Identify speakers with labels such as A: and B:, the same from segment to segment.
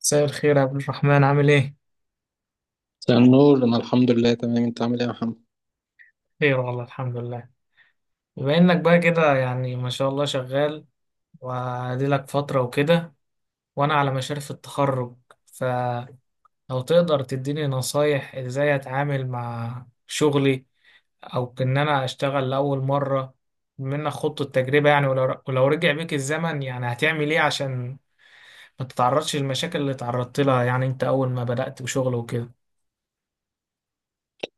A: مساء الخير يا عبد الرحمن، عامل ايه؟
B: مساء النور، انا الحمد لله تمام. انت عامل ايه يا محمد؟
A: خير والله، الحمد لله. بما انك بقى كده يعني ما شاء الله شغال وادي لك فترة وكده، وانا على مشارف التخرج، فلو تقدر تديني نصايح ازاي اتعامل مع شغلي، او ان انا اشتغل لاول مرة منك، خضت التجربة يعني. ولو رجع بيك الزمن يعني هتعمل ايه عشان ما تتعرضش للمشاكل اللي تعرضت لها، يعني انت اول ما بدأت وشغل وكده.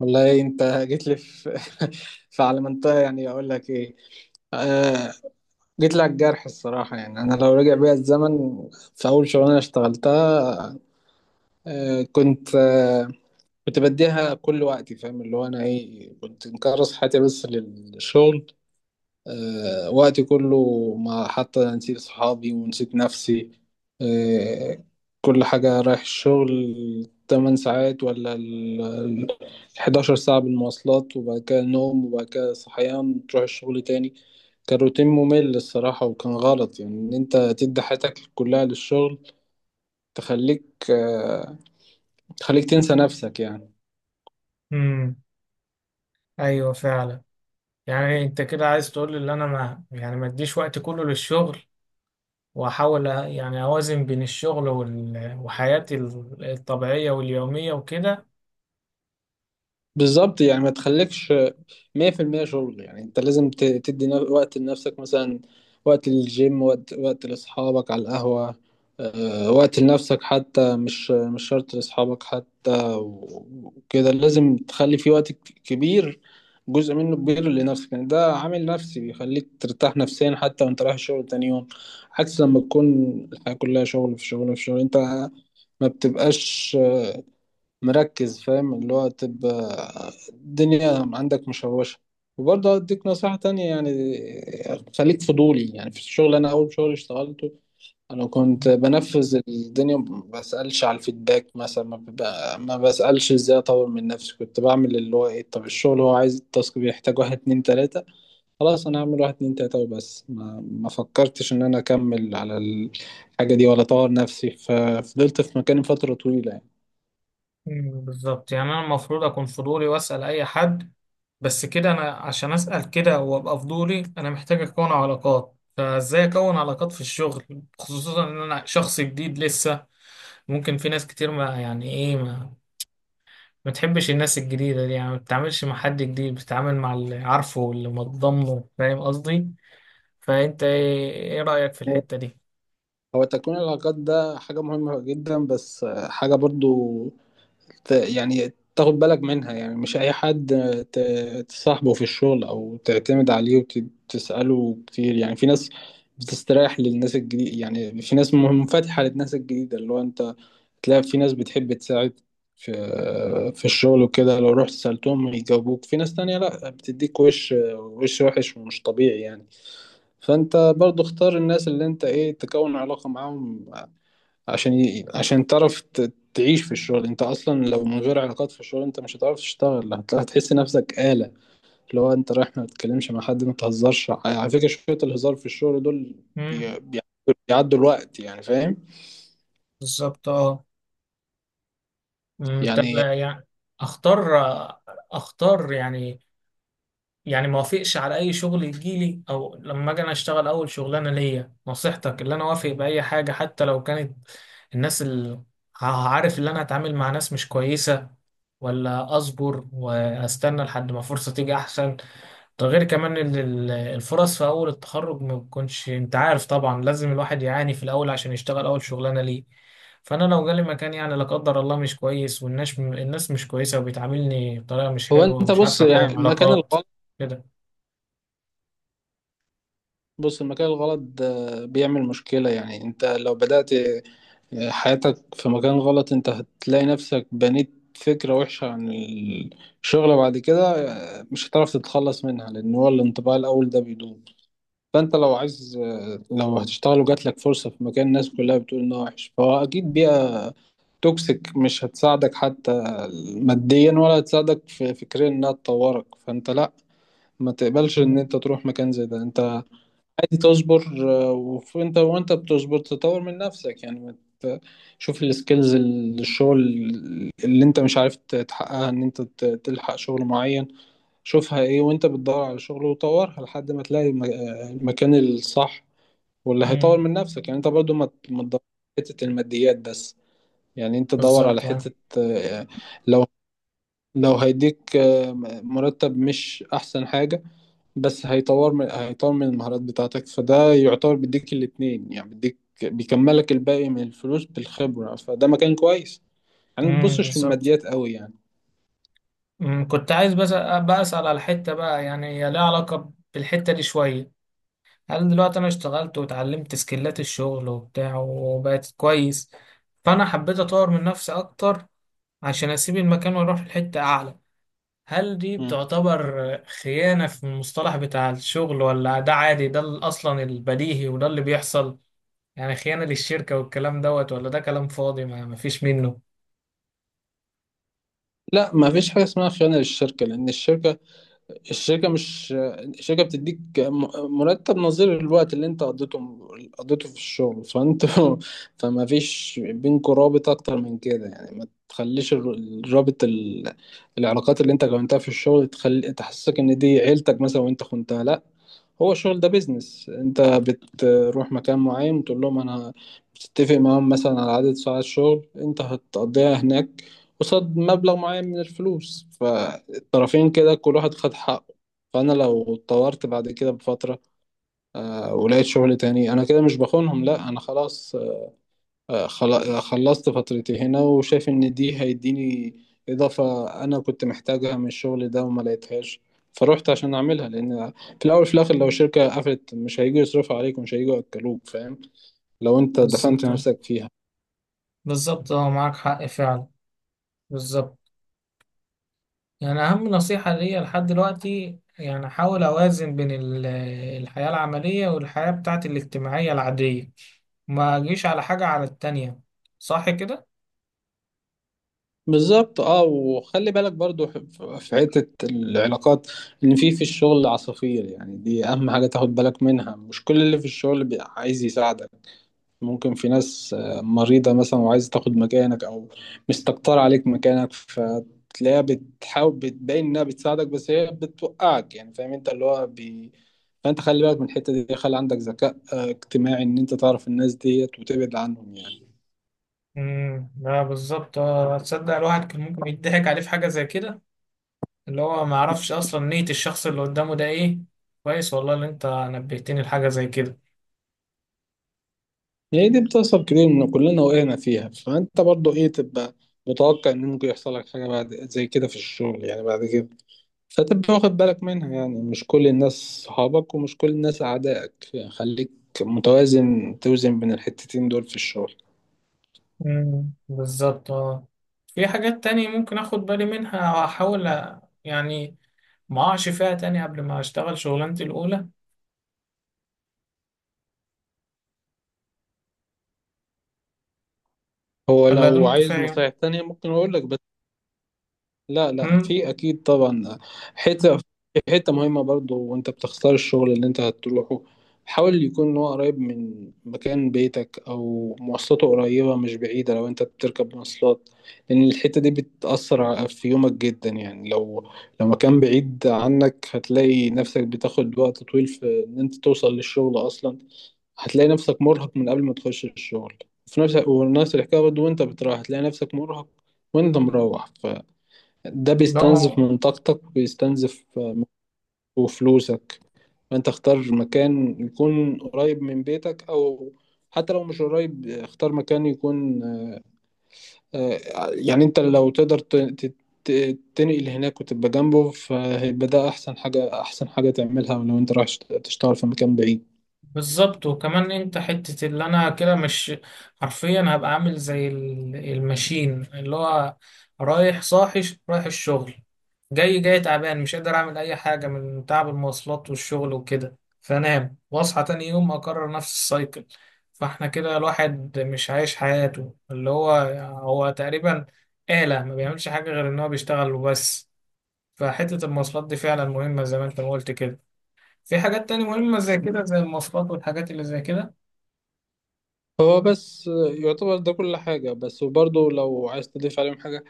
B: والله انت جيت لي في على منطقه، يعني اقول لك ايه. آه جيت لي على الجرح الصراحه، يعني انا لو رجع بيا الزمن في اول شغلانه اشتغلتها. آه كنت آه كنت بديها كل وقتي، فاهم اللي هو انا ايه؟ كنت مكرس حياتي بس للشغل، وقتي كله. ما حتى نسيت صحابي ونسيت نفسي، آه، كل حاجة رايح الشغل 8 ساعات ولا 11 ساعة بالمواصلات، وبعد كده نوم، وبعد كده صحيان تروح الشغل تاني. كان روتين ممل الصراحة، وكان غلط يعني إن أنت تدي حياتك كلها للشغل، تخليك آه، تخليك تنسى نفسك يعني.
A: امم ايوه، فعلا. يعني انت كده عايز تقول ان انا ما، يعني، ما اديش وقت كله للشغل، واحاول يعني اوازن بين الشغل وحياتي الطبيعية واليومية وكده.
B: بالظبط يعني ما تخليكش 100% شغل، يعني انت لازم تدي وقت لنفسك مثلا، وقت للجيم، وقت لاصحابك على القهوة. وقت لنفسك، حتى مش شرط لاصحابك حتى وكده. لازم تخلي في وقت كبير، جزء منه كبير لنفسك، يعني ده عامل نفسي بيخليك ترتاح نفسيا حتى وانت رايح الشغل تاني يوم، عكس لما تكون الحياة كلها شغل في شغل في شغل، انت ما بتبقاش مركز، فاهم اللي هو؟ تبقى الدنيا عندك مشوشة. وبرضه أديك نصيحة تانية يعني، خليك فضولي يعني في الشغل. أنا أول شغل اشتغلته أنا كنت بنفذ الدنيا، ما بسألش على الفيدباك مثلا، ما, ببقى ما بسألش إزاي أطور من نفسي. كنت بعمل اللي هو إيه، طب الشغل هو عايز التاسك، بيحتاج واحد اتنين تلاتة، خلاص أنا هعمل واحد اتنين تلاتة وبس. ما فكرتش إن أنا أكمل على الحاجة دي ولا أطور نفسي، ففضلت في مكاني فترة طويلة يعني.
A: مم، بالظبط. يعني انا المفروض اكون فضولي واسأل اي حد. بس كده انا عشان اسأل كده وابقى فضولي انا محتاج اكون علاقات، فازاي اكون علاقات في الشغل خصوصا ان انا شخص جديد لسه؟ ممكن في ناس كتير ما يعني ايه، ما تحبش الناس الجديدة دي، يعني ما بتتعاملش مع حد جديد، بتتعامل مع اللي عارفه واللي متضامنه، فاهم قصدي؟ فأنت إيه رأيك في الحتة دي؟
B: هو تكوين العلاقات ده حاجة مهمة جدا، بس حاجة برضو يعني تاخد بالك منها، يعني مش أي حد تصاحبه في الشغل أو تعتمد عليه وتسأله كتير. يعني في ناس بتستريح للناس الجديدة، يعني في ناس منفتحة للناس الجديدة، اللي هو أنت تلاقي في ناس بتحب تساعد في في الشغل وكده، لو رحت سألتهم يجاوبوك. في ناس تانية لأ، بتديك وش وحش ومش طبيعي يعني. فانت برضو اختار الناس اللي انت ايه تكون علاقة معاهم، عشان تعرف تعيش في الشغل. انت اصلا لو من غير علاقات في الشغل انت مش هتعرف تشتغل، هتحس نفسك آلة، اللي هو انت رايح ما تتكلمش مع حد، ما تهزرش. على فكرة شوية الهزار في الشغل دول بي...
A: مم.
B: بيعدوا بيعدوا الوقت يعني، فاهم؟
A: بالظبط، اه. مم، طب
B: يعني
A: يعني أختار أختار يعني، يعني ما وافقش على أي شغل يجيلي، أو لما أجي أنا أشتغل أول شغلانة ليا نصيحتك اللي أنا أوافق بأي حاجة حتى لو كانت الناس اللي عارف اللي أنا هتعامل مع ناس مش كويسة، ولا اصبر واستنى لحد ما فرصة تيجي احسن؟ ده غير كمان الفرص في اول التخرج ما بتكونش، انت عارف طبعا لازم الواحد يعاني في الاول عشان يشتغل اول شغلانه ليه. فانا لو جالي مكان يعني، لا قدر الله، مش كويس والناس مش كويسه وبيتعاملني بطريقه مش
B: هو
A: حلوه
B: انت
A: ومش
B: بص،
A: عارف
B: يعني
A: اكون
B: المكان
A: علاقات
B: الغلط
A: كده.
B: بص المكان الغلط ده بيعمل مشكلة، يعني انت لو بدأت حياتك في مكان غلط انت هتلاقي نفسك بنيت فكرة وحشة عن الشغل بعد كده، مش هتعرف تتخلص منها، لأن هو الانطباع الأول ده بيدوم. فأنت لو عايز، لو هتشتغل وجات لك فرصة في مكان الناس كلها بتقول إنه وحش، فهو أكيد بيئة توكسيك، مش هتساعدك حتى ماديا ولا هتساعدك في فكريا إنها تطورك. فأنت لأ، ما تقبلش إن أنت تروح مكان زي ده. أنت عادي تصبر، وانت بتصبر تطور من نفسك، يعني ما ت- شوف السكيلز، الشغل اللي انت مش عارف تحققها، ان انت تلحق شغل معين، شوفها ايه وانت بتدور على شغل، وطورها لحد ما تلاقي المكان الصح واللي هيطور
A: أمم،
B: من نفسك. يعني انت برضو ما تدور على حتة الماديات بس، يعني انت دور على
A: بالظبط، آه.
B: حتة، آه، لو لو هيديك مرتب مش احسن حاجة، بس هيطور من المهارات بتاعتك، فده يعتبر بيديك الاتنين يعني، بيديك، بيكملك الباقي من الفلوس بالخبرة، فده مكان كويس، يعني ما تبصش
A: بالظبط.
B: للماديات قوي يعني.
A: كنت عايز بس بقى اسال على الحته بقى، يعني هي ليها علاقه بالحته دي شويه. هل دلوقتي انا اشتغلت واتعلمت سكيلات الشغل وبتاع وبقت كويس، فانا حبيت اطور من نفسي اكتر عشان اسيب المكان واروح لحتة اعلى، هل دي
B: مم.
A: بتعتبر خيانة في المصطلح بتاع الشغل ولا ده عادي؟ ده اصلا البديهي وده اللي بيحصل، يعني خيانة للشركة والكلام دوت، ولا ده كلام فاضي ما فيش منه؟
B: لا، ما فيش حاجة اسمها خيانة للشركة، لأن الشركة مش، الشركة بتديك مرتب نظير الوقت اللي انت قضيته في الشغل، فانت فما فيش بينكوا رابط اكتر من كده يعني. ما تخليش الرابط ال... العلاقات اللي انت كونتها في الشغل تخلي تحسسك ان دي عيلتك مثلا وانت خنتها. لا، هو الشغل ده بيزنس، انت بتروح مكان معين وتقول لهم بتتفق معاهم مثلا على عدد ساعات شغل انت هتقضيها هناك، قصاد مبلغ معين من الفلوس، فالطرفين كده كل واحد خد حقه. فانا لو اتطورت بعد كده بفترة ولقيت شغل تاني، انا كده مش بخونهم. لا انا خلاص، خلصت فترتي هنا، وشايف ان دي هيديني اضافة انا كنت محتاجها من الشغل ده وما لقيتهاش، فروحت عشان اعملها. لان في الاول في الاخر لو شركة قفلت مش هيجوا يصرفوا عليك، ومش هيجوا ياكلوك، فاهم؟ لو انت دفنت
A: بالظبط، اه.
B: نفسك فيها.
A: بالظبط، اه معاك حق فعلا. بالظبط. يعني أهم نصيحة ليا لحد دلوقتي يعني أحاول أوازن بين الحياة العملية والحياة بتاعتي الاجتماعية العادية، ما أجيش على حاجة على التانية، صح كده؟
B: بالظبط اه، وخلي بالك برضو في حتة العلاقات، ان في الشغل عصافير يعني، دي اهم حاجة تاخد بالك منها. مش كل اللي في الشغل عايز يساعدك، ممكن في ناس مريضة مثلا وعايزة تاخد مكانك، أو مستكترة عليك مكانك، فتلاقيها بتحاول بتبين إنها بتساعدك بس هي بتوقعك يعني، فاهم؟ أنت اللي هو فأنت خلي بالك من الحتة دي، خلي عندك ذكاء اجتماعي، إن أنت تعرف الناس ديت وتبعد عنهم يعني.
A: لا، بالظبط، آه. تصدق الواحد كان ممكن يضحك عليه في حاجة زي كده، اللي هو ما يعرفش أصلا نية الشخص اللي قدامه ده إيه. كويس والله اللي أنت نبهتني لحاجة زي كده.
B: هي دي بتحصل كتير، إن كلنا وقعنا فيها. فأنت برضو إيه، تبقى متوقع إن ممكن يحصل لك حاجة بعد زي كده في الشغل يعني بعد كده، فتبقى واخد بالك منها. يعني مش كل الناس صحابك، ومش كل الناس أعدائك يعني، خليك متوازن، توزن بين الحتتين دول في الشغل.
A: بالظبط، اه. في حاجات تانية ممكن أخد بالي منها أحاول، يعني، ما أقعش فيها تاني قبل ما أشتغل شغلانتي الأولى،
B: هو
A: ولا
B: لو
A: دول
B: عايز
A: كفاية؟
B: نصايح تانية ممكن أقول لك. لا لا،
A: امم
B: في اكيد طبعا. حته حته مهمه برضو وانت بتختار الشغل اللي انت هتروحه، حاول يكون هو قريب من مكان بيتك، او مواصلاته قريبه مش بعيده لو انت بتركب مواصلات، لان الحته دي بتاثر في يومك جدا. يعني لو مكان بعيد عنك هتلاقي نفسك بتاخد وقت طويل في ان انت توصل للشغل اصلا، هتلاقي نفسك مرهق من قبل ما تخش الشغل، في نفس ونفس الحكايه برضه وانت بتروح هتلاقي نفسك مرهق وانت مروح. ده
A: لا،
B: بيستنزف من طاقتك وبيستنزف وفلوسك. فانت اختار مكان يكون قريب من بيتك، او حتى لو مش قريب اختار مكان يكون، آه، يعني انت لو تقدر تنقل هناك وتبقى جنبه، فهيبقى ده احسن حاجة احسن حاجة تعملها ولو انت رايح تشتغل في مكان بعيد.
A: بالظبط. وكمان انت حتة اللي انا كده مش، حرفيا هبقى عامل زي الماشين، اللي هو رايح صاحي، رايح الشغل، جاي تعبان مش قادر اعمل اي حاجة من تعب المواصلات والشغل وكده، فانام واصحى تاني يوم اكرر نفس السايكل. فاحنا كده الواحد مش عايش حياته، اللي هو هو تقريبا آلة ما بيعملش حاجة غير ان هو بيشتغل وبس. فحتة المواصلات دي فعلا مهمة زي ما انت ما قلت كده. في حاجات تانية مهمة زي كده، زي المواصلات والحاجات اللي زي كده؟
B: هو بس يعتبر ده كل حاجة، بس وبرضه لو عايز تضيف عليهم حاجة،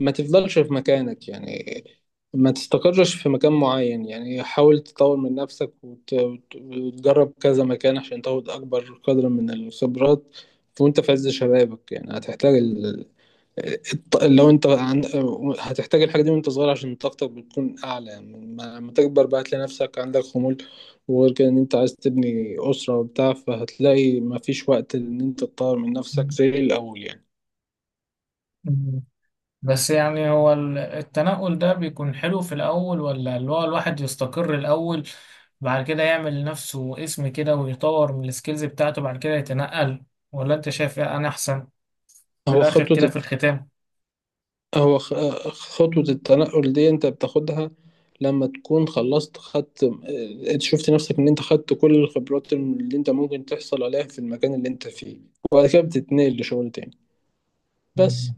B: ما تفضلش في مكانك يعني، ما تستقرش في مكان معين يعني، حاول تطور من نفسك وتجرب كذا مكان عشان تاخد أكبر قدر من الخبرات وأنت في عز شبابك. يعني هتحتاج ال... الط- لو أنت عن... هتحتاج الحاجة دي وأنت صغير عشان طاقتك بتكون أعلى، يعني لما تكبر بقى هتلاقي نفسك عندك خمول، وغير كده إن أنت عايز تبني أسرة وبتاع، فهتلاقي مفيش وقت إن أنت تطور من نفسك زي الأول يعني.
A: مم. بس يعني هو التنقل ده بيكون حلو في الأول، ولا اللي هو الواحد يستقر الأول بعد كده يعمل لنفسه اسم كده ويطور من السكيلز بتاعته بعد كده يتنقل؟ ولا أنت شايف إيه أنا أحسن في
B: هو
A: الآخر
B: خطوة
A: كده في الختام؟
B: هو خ- خطوة التنقل دي انت بتاخدها لما تكون خلصت، خدت شفت نفسك ان انت خدت كل الخبرات اللي انت ممكن تحصل عليها في المكان اللي انت فيه، وبعد كده بتتنقل لشغل تاني، بس.
A: مم.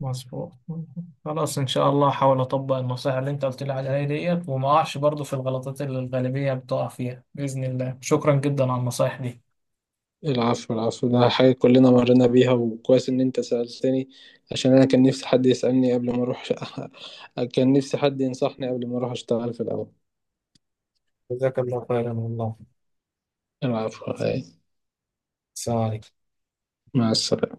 A: مظبوط. مم. خلاص إن شاء الله هحاول أطبق النصائح اللي أنت قلت لي عليها ديت وما أقعش برضه في الغلطات اللي الغالبية بتقع فيها بإذن الله. شكرا جدا على النصائح دي.
B: العفو، العفو، ده حاجة كلنا مرينا بيها، وكويس ان انت سألتني، عشان انا كان نفسي حد يسألني قبل ما اروح. كان نفسي حد ينصحني قبل ما اروح اشتغل في الاول.
A: جزاك الله خيرا والله.
B: العفو، هاي،
A: السلام عليكم.
B: مع السلامة.